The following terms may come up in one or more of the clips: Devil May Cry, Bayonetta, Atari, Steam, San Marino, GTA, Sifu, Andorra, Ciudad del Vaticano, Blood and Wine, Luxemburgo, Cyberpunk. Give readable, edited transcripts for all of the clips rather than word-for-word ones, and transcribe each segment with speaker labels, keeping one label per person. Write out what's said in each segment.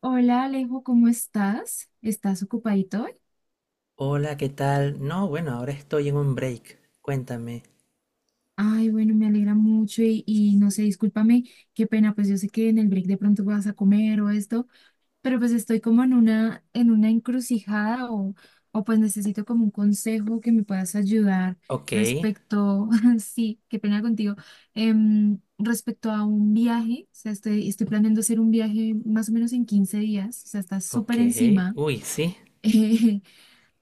Speaker 1: Hola Alejo, ¿cómo estás? ¿Estás ocupadito hoy?
Speaker 2: Hola, ¿qué tal? No, bueno, ahora estoy en un break. Cuéntame.
Speaker 1: Ay, bueno, me alegra mucho y no sé, discúlpame, qué pena, pues yo sé que en el break de pronto vas a comer o esto, pero pues estoy como en una encrucijada o pues necesito como un consejo que me puedas ayudar
Speaker 2: Ok,
Speaker 1: respecto, sí, qué pena contigo, respecto a un viaje, o sea, estoy planeando hacer un viaje más o menos en 15 días, o sea, está súper
Speaker 2: ok.
Speaker 1: encima.
Speaker 2: Uy, sí.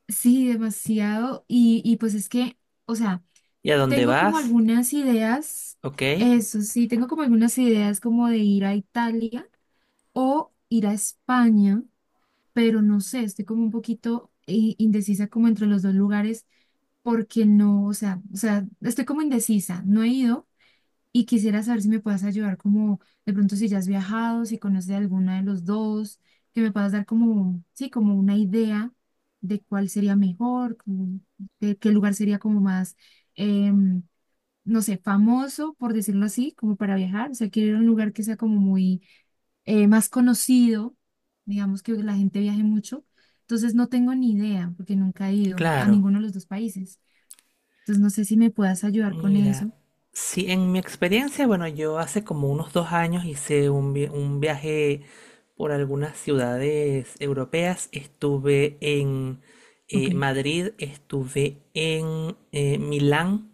Speaker 1: Sí, demasiado. Y pues es que, o sea,
Speaker 2: ¿Y a dónde
Speaker 1: tengo como
Speaker 2: vas?
Speaker 1: algunas ideas,
Speaker 2: Ok,
Speaker 1: eso sí, tengo como algunas ideas como de ir a Italia o ir a España, pero no sé, estoy como un poquito indecisa como entre los dos lugares porque no, o sea, estoy como indecisa, no he ido y quisiera saber si me puedas ayudar como de pronto si ya has viajado, si conoces alguna de los dos, que me puedas dar como, sí, como una idea de cuál sería mejor, como de qué lugar sería como más, em, no sé, famoso, por decirlo así, como para viajar. O sea, quiero ir a un lugar que sea como muy más conocido, digamos que la gente viaje mucho. Entonces no tengo ni idea porque nunca he ido a
Speaker 2: claro.
Speaker 1: ninguno de los dos países. Entonces no sé si me puedas ayudar con
Speaker 2: Mira,
Speaker 1: eso.
Speaker 2: sí, en mi experiencia, bueno, yo hace como unos 2 años hice un viaje por algunas ciudades europeas. Estuve en
Speaker 1: Ok.
Speaker 2: Madrid, estuve en Milán,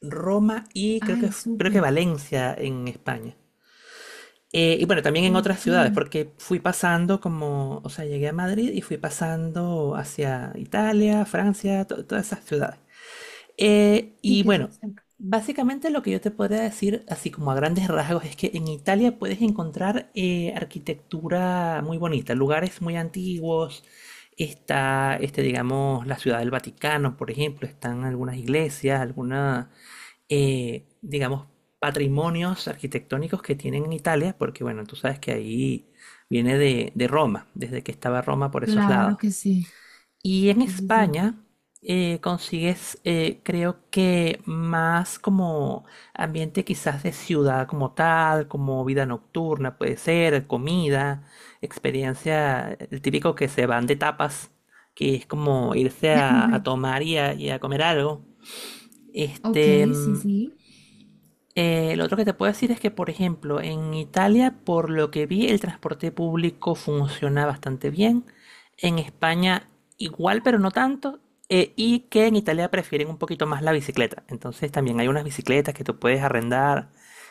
Speaker 2: Roma y creo que,
Speaker 1: Ay,
Speaker 2: creo que
Speaker 1: súper.
Speaker 2: Valencia en España. Y bueno, también en otras
Speaker 1: Ok,
Speaker 2: ciudades,
Speaker 1: sí
Speaker 2: porque fui pasando como, o sea, llegué a Madrid y fui pasando hacia Italia, Francia, todas esas ciudades. Y
Speaker 1: que eso.
Speaker 2: bueno,
Speaker 1: Cerca.
Speaker 2: básicamente lo que yo te podría decir, así como a grandes rasgos, es que en Italia puedes encontrar arquitectura muy bonita, lugares muy antiguos. Está, este, digamos, la Ciudad del Vaticano, por ejemplo, están algunas iglesias, algunas, digamos, patrimonios arquitectónicos que tienen en Italia, porque bueno, tú sabes que ahí viene de Roma, desde que estaba Roma por esos
Speaker 1: Claro
Speaker 2: lados.
Speaker 1: que sí,
Speaker 2: Y en
Speaker 1: sí, sí, sí.
Speaker 2: España consigues, creo que más como ambiente quizás de ciudad como tal, como vida nocturna puede ser, comida, experiencia, el típico que se van de tapas, que es como irse a tomar y a comer algo.
Speaker 1: Ok,
Speaker 2: Este,
Speaker 1: sí, sí.
Speaker 2: lo otro que te puedo decir es que, por ejemplo, en Italia, por lo que vi, el transporte público funciona bastante bien. En España, igual, pero no tanto. Y que en Italia prefieren un poquito más la bicicleta. Entonces, también hay unas bicicletas que tú puedes arrendar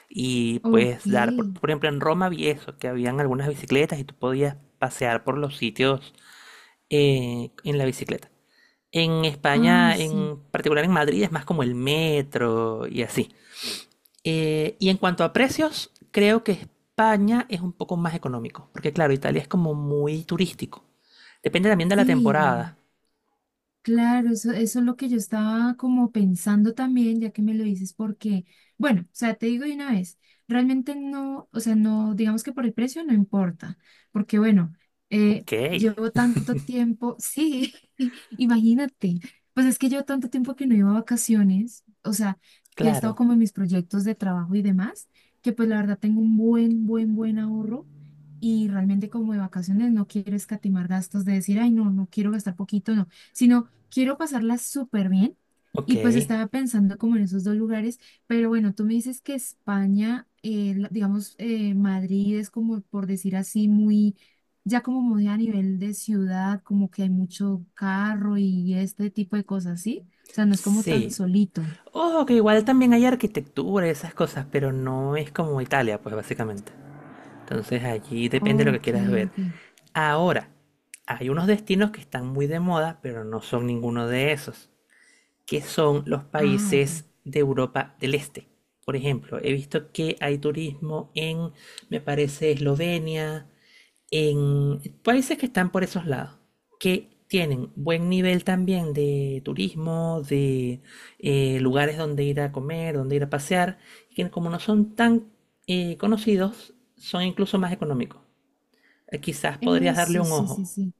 Speaker 2: y
Speaker 1: Ok.
Speaker 2: puedes dar. Por ejemplo, en Roma vi eso, que habían algunas bicicletas y tú podías pasear por los sitios en la bicicleta. En
Speaker 1: Ay,
Speaker 2: España,
Speaker 1: sí.
Speaker 2: en particular en Madrid, es más como el metro y así. Y en cuanto a precios, creo que España es un poco más económico, porque claro, Italia es como muy turístico. Depende también de la
Speaker 1: Sí.
Speaker 2: temporada.
Speaker 1: Claro, eso es lo que yo estaba como pensando también, ya que me lo dices, porque, bueno, o sea, te digo de una vez, realmente no, o sea, no, digamos que por el precio no importa, porque bueno,
Speaker 2: Ok,
Speaker 1: llevo tanto tiempo, sí, imagínate, pues es que llevo tanto tiempo que no iba a vacaciones, o sea, que he estado
Speaker 2: claro,
Speaker 1: como en mis proyectos de trabajo y demás, que pues la verdad tengo un buen, buen, buen ahorro. Y realmente como de vacaciones no quiero escatimar gastos de decir, ay, no, no quiero gastar poquito, no, sino quiero pasarla súper bien
Speaker 2: ok,
Speaker 1: y pues estaba pensando como en esos dos lugares, pero bueno, tú me dices que España, digamos, Madrid es como, por decir así, muy, ya como muy a nivel de ciudad, como que hay mucho carro y este tipo de cosas, ¿sí? O sea, no es como tan
Speaker 2: sí.
Speaker 1: solito.
Speaker 2: Ojo, que igual también hay arquitectura y esas cosas, pero no es como Italia, pues básicamente. Entonces allí depende de lo que
Speaker 1: Ok,
Speaker 2: quieras ver.
Speaker 1: ok.
Speaker 2: Ahora, hay unos destinos que están muy de moda, pero no son ninguno de esos, que son los
Speaker 1: Ah, ok.
Speaker 2: países de Europa del Este. Por ejemplo, he visto que hay turismo en, me parece, Eslovenia, en países que están por esos lados, que tienen buen nivel también de turismo, de lugares donde ir a comer, donde ir a pasear, y que como no son tan conocidos, son incluso más económicos. Quizás podrías darle
Speaker 1: Eso,
Speaker 2: un
Speaker 1: sí, sí,
Speaker 2: ojo.
Speaker 1: sí.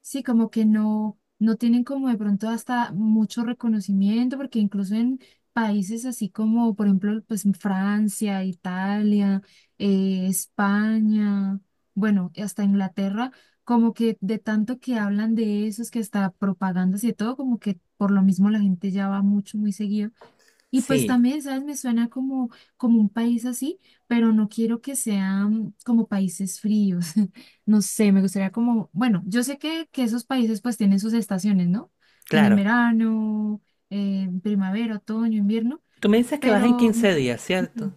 Speaker 1: Sí, como que no, no tienen como de pronto hasta mucho reconocimiento, porque incluso en países así como, por ejemplo, pues en Francia, Italia, España, bueno, y hasta Inglaterra, como que de tanto que hablan de eso, es que hasta propagandas y de todo, como que por lo mismo la gente ya va mucho, muy seguido. Y
Speaker 2: Sí,
Speaker 1: pues también, ¿sabes? Me suena como, como un país así, pero no quiero que sean como países fríos. No sé, me gustaría como, bueno, yo sé que esos países pues tienen sus estaciones, ¿no? Tienen
Speaker 2: claro.
Speaker 1: verano, primavera, otoño, invierno,
Speaker 2: Tú me dices que vas en
Speaker 1: pero,
Speaker 2: 15 días, ¿cierto?
Speaker 1: ujú,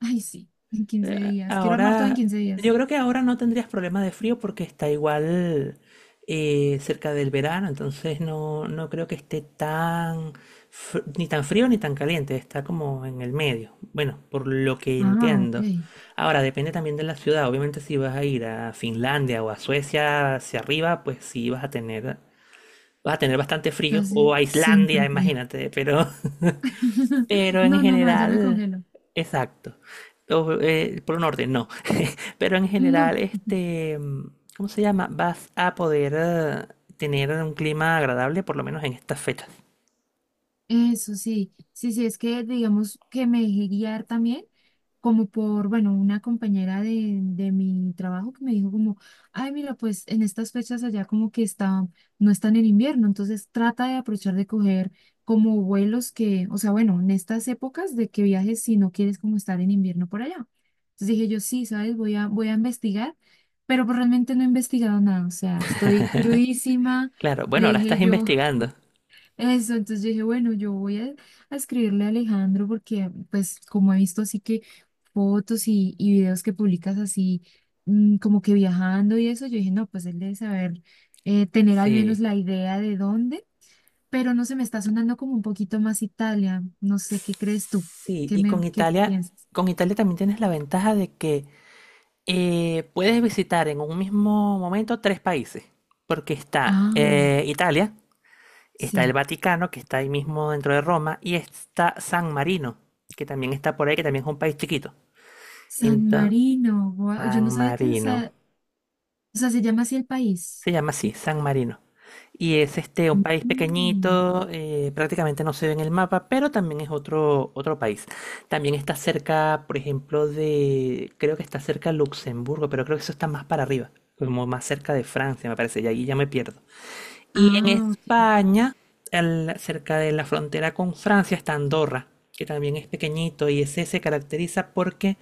Speaker 1: ay, sí, en 15 días. Quiero armar todo en
Speaker 2: Ahora,
Speaker 1: 15 días.
Speaker 2: yo creo que ahora no tendrías problema de frío porque está igual cerca del verano, entonces no, no creo que esté tan, ni tan frío ni tan caliente, está como en el medio. Bueno, por lo que
Speaker 1: Ah, ok.
Speaker 2: entiendo. Ahora, depende también de la ciudad. Obviamente, si vas a ir a Finlandia o a Suecia hacia arriba, pues sí vas a tener bastante frío. O a
Speaker 1: Casi
Speaker 2: Islandia,
Speaker 1: siempre frío.
Speaker 2: imagínate, pero Pero en
Speaker 1: No, no, no, allá me
Speaker 2: general,
Speaker 1: congelo.
Speaker 2: exacto. O, por un orden, no. Pero en
Speaker 1: No.
Speaker 2: general, este, ¿cómo se llama? Vas a poder tener un clima agradable, por lo menos en estas fechas.
Speaker 1: Eso sí, sí, sí, es que digamos que me dejé guiar también, como por, bueno, una compañera de mi trabajo que me dijo como, ay, mira, pues en estas fechas allá como que está, no están en invierno, entonces trata de aprovechar de coger como vuelos que, o sea, bueno, en estas épocas de que viajes si no quieres como estar en invierno por allá. Entonces dije yo, sí, ¿sabes? Voy a investigar, pero pues realmente no he investigado nada, o sea, estoy crudísima,
Speaker 2: Claro, bueno,
Speaker 1: le
Speaker 2: ahora
Speaker 1: dije
Speaker 2: estás
Speaker 1: yo.
Speaker 2: investigando.
Speaker 1: Eso, entonces yo dije, bueno, yo voy a escribirle a Alejandro porque, pues, como he visto así que fotos y videos que publicas así, como que viajando y eso, yo dije, no, pues él debe saber tener al menos
Speaker 2: Sí.
Speaker 1: la idea de dónde, pero no se me está sonando como un poquito más Italia. No sé, ¿qué crees tú?
Speaker 2: Sí,
Speaker 1: ¿Qué
Speaker 2: y
Speaker 1: me, qué piensas?
Speaker 2: Con Italia también tienes la ventaja de que puedes visitar en un mismo momento tres países, porque está
Speaker 1: Ah,
Speaker 2: Italia, está el
Speaker 1: sí,
Speaker 2: Vaticano, que está ahí mismo dentro de Roma, y está San Marino, que también está por ahí, que también es un país chiquito.
Speaker 1: San
Speaker 2: Ento-
Speaker 1: Marino, guau, yo
Speaker 2: San
Speaker 1: no sabía que, o
Speaker 2: Marino.
Speaker 1: sea, o sea, se llama así el país.
Speaker 2: Se llama así, San Marino. Y es este un país
Speaker 1: Mm.
Speaker 2: pequeñito, prácticamente no se ve en el mapa, pero también es otro, otro país. También está cerca, por ejemplo, de, creo que está cerca de Luxemburgo, pero creo que eso está más para arriba, como más cerca de Francia, me parece, y ahí ya me pierdo. Y en
Speaker 1: Ah, ok.
Speaker 2: España, cerca de la frontera con Francia, está Andorra, que también es pequeñito y ese se caracteriza porque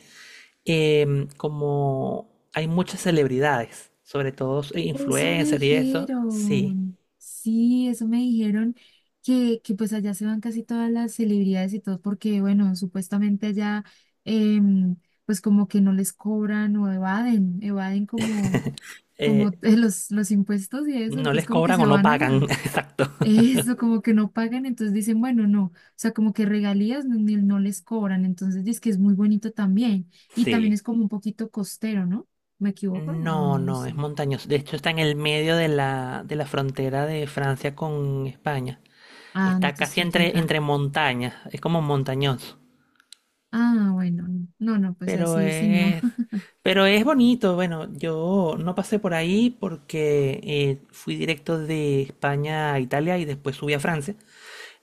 Speaker 2: como hay muchas celebridades, sobre todo
Speaker 1: Eso me
Speaker 2: influencers y eso, sí,
Speaker 1: dijeron, sí, eso me dijeron que pues allá se van casi todas las celebridades y todo porque, bueno, supuestamente allá em, pues como que no les cobran o evaden, como, como
Speaker 2: eh,
Speaker 1: los impuestos y eso,
Speaker 2: no
Speaker 1: entonces
Speaker 2: les
Speaker 1: como que
Speaker 2: cobran
Speaker 1: se
Speaker 2: o no
Speaker 1: van
Speaker 2: pagan,
Speaker 1: allá.
Speaker 2: exacto.
Speaker 1: Eso, como que no pagan, entonces dicen, bueno, no, o sea, como que regalías no, no les cobran, entonces dice que es muy bonito también y también
Speaker 2: Sí.
Speaker 1: es como un poquito costero, ¿no? ¿Me equivoco? O no.
Speaker 2: No,
Speaker 1: No
Speaker 2: no, es
Speaker 1: sé.
Speaker 2: montañoso. De hecho, está en el medio de la frontera de Francia con España.
Speaker 1: Ah, no
Speaker 2: Está
Speaker 1: te
Speaker 2: casi
Speaker 1: estoy
Speaker 2: entre,
Speaker 1: equivocada.
Speaker 2: entre montañas, es como montañoso.
Speaker 1: Ah, bueno, no, no, pues
Speaker 2: Pero
Speaker 1: así sí, no.
Speaker 2: es, pero es bonito. Bueno, yo no pasé por ahí porque fui directo de España a Italia y después subí a Francia.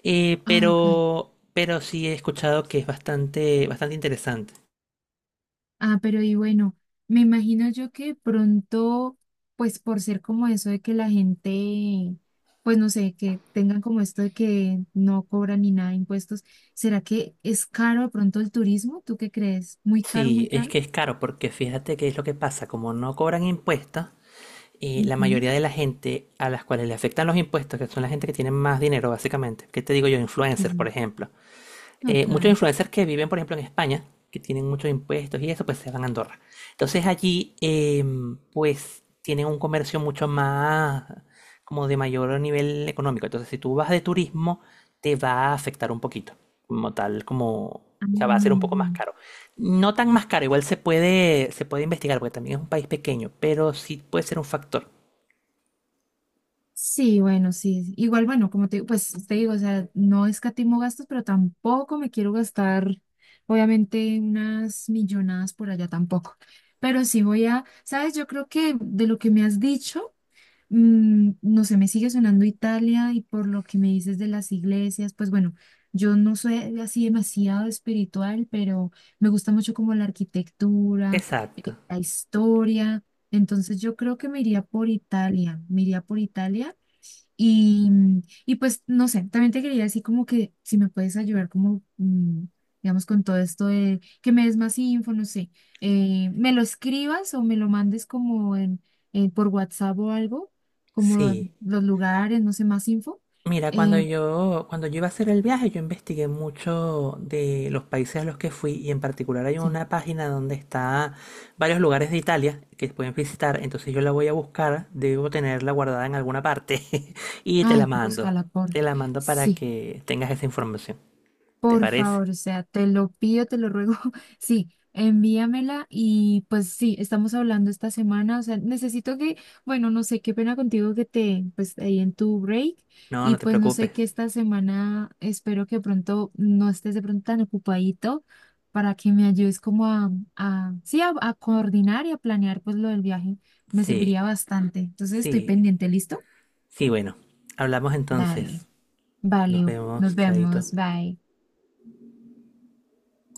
Speaker 1: Ah, ok.
Speaker 2: Pero sí he escuchado que es bastante, bastante interesante.
Speaker 1: Ah, pero y bueno, me imagino yo que pronto, pues por ser como eso de que la gente, pues no sé, que tengan como esto de que no cobran ni nada de impuestos, ¿será que es caro de pronto el turismo? ¿Tú qué crees? ¿Muy caro,
Speaker 2: Sí,
Speaker 1: muy
Speaker 2: es
Speaker 1: caro?
Speaker 2: que es caro porque fíjate qué es lo que pasa. Como no cobran impuestos, la
Speaker 1: Ujú,
Speaker 2: mayoría de la gente a las cuales le afectan los impuestos, que son la gente que tiene más dinero básicamente. ¿Qué te digo yo?
Speaker 1: sí,
Speaker 2: Influencers,
Speaker 1: sí.
Speaker 2: por ejemplo.
Speaker 1: No,
Speaker 2: Muchos
Speaker 1: claro.
Speaker 2: influencers que viven, por ejemplo, en España, que tienen muchos impuestos y eso, pues se van a Andorra. Entonces allí, pues, tienen un comercio mucho más, como de mayor nivel económico. Entonces, si tú vas de turismo, te va a afectar un poquito, como tal, como, o
Speaker 1: Ah,
Speaker 2: sea, va a
Speaker 1: me
Speaker 2: ser un poco más
Speaker 1: imagino.
Speaker 2: caro. No tan más caro, igual se puede investigar, porque también es un país pequeño, pero sí puede ser un factor.
Speaker 1: Sí, bueno, sí. Igual, bueno, como te, pues te digo, o sea, no escatimo gastos, pero tampoco me quiero gastar, obviamente, unas millonadas por allá tampoco. Pero sí sabes, yo creo que de lo que me has dicho, no sé, me sigue sonando Italia y por lo que me dices de las iglesias, pues bueno, yo no soy así demasiado espiritual, pero me gusta mucho como la arquitectura,
Speaker 2: Exacto.
Speaker 1: la historia. Entonces yo creo que me iría por Italia, me iría por Italia y, y pues, no sé, también te quería decir como que si me puedes ayudar como, digamos, con todo esto de que me des más info, no sé, me lo escribas o me lo mandes como en, por WhatsApp o algo, como
Speaker 2: Sí.
Speaker 1: los lugares, no sé, más info.
Speaker 2: Mira,
Speaker 1: Eh,
Speaker 2: cuando yo iba a hacer el viaje, yo investigué mucho de los países a los que fui y en particular hay
Speaker 1: sí,
Speaker 2: una página donde está varios lugares de Italia que pueden visitar, entonces yo la voy a buscar, debo tenerla guardada en alguna parte y
Speaker 1: ay, búscala por,
Speaker 2: te la mando para
Speaker 1: sí.
Speaker 2: que tengas esa información. ¿Te
Speaker 1: Por
Speaker 2: parece?
Speaker 1: favor, o sea, te lo pido, te lo ruego. Sí, envíamela y pues sí, estamos hablando esta semana. O sea, necesito que, bueno, no sé, qué pena contigo que te, pues ahí en tu break
Speaker 2: No, no
Speaker 1: y
Speaker 2: te
Speaker 1: pues no
Speaker 2: preocupes.
Speaker 1: sé que esta semana espero que pronto no estés de pronto tan ocupadito para que me ayudes como a sí, a coordinar y a planear pues lo del viaje. Me
Speaker 2: Sí,
Speaker 1: serviría bastante. Entonces
Speaker 2: sí,
Speaker 1: estoy pendiente, ¿listo?
Speaker 2: sí, bueno, hablamos entonces.
Speaker 1: Dale,
Speaker 2: Nos
Speaker 1: vale, nos
Speaker 2: vemos, Chaito.
Speaker 1: vemos, bye.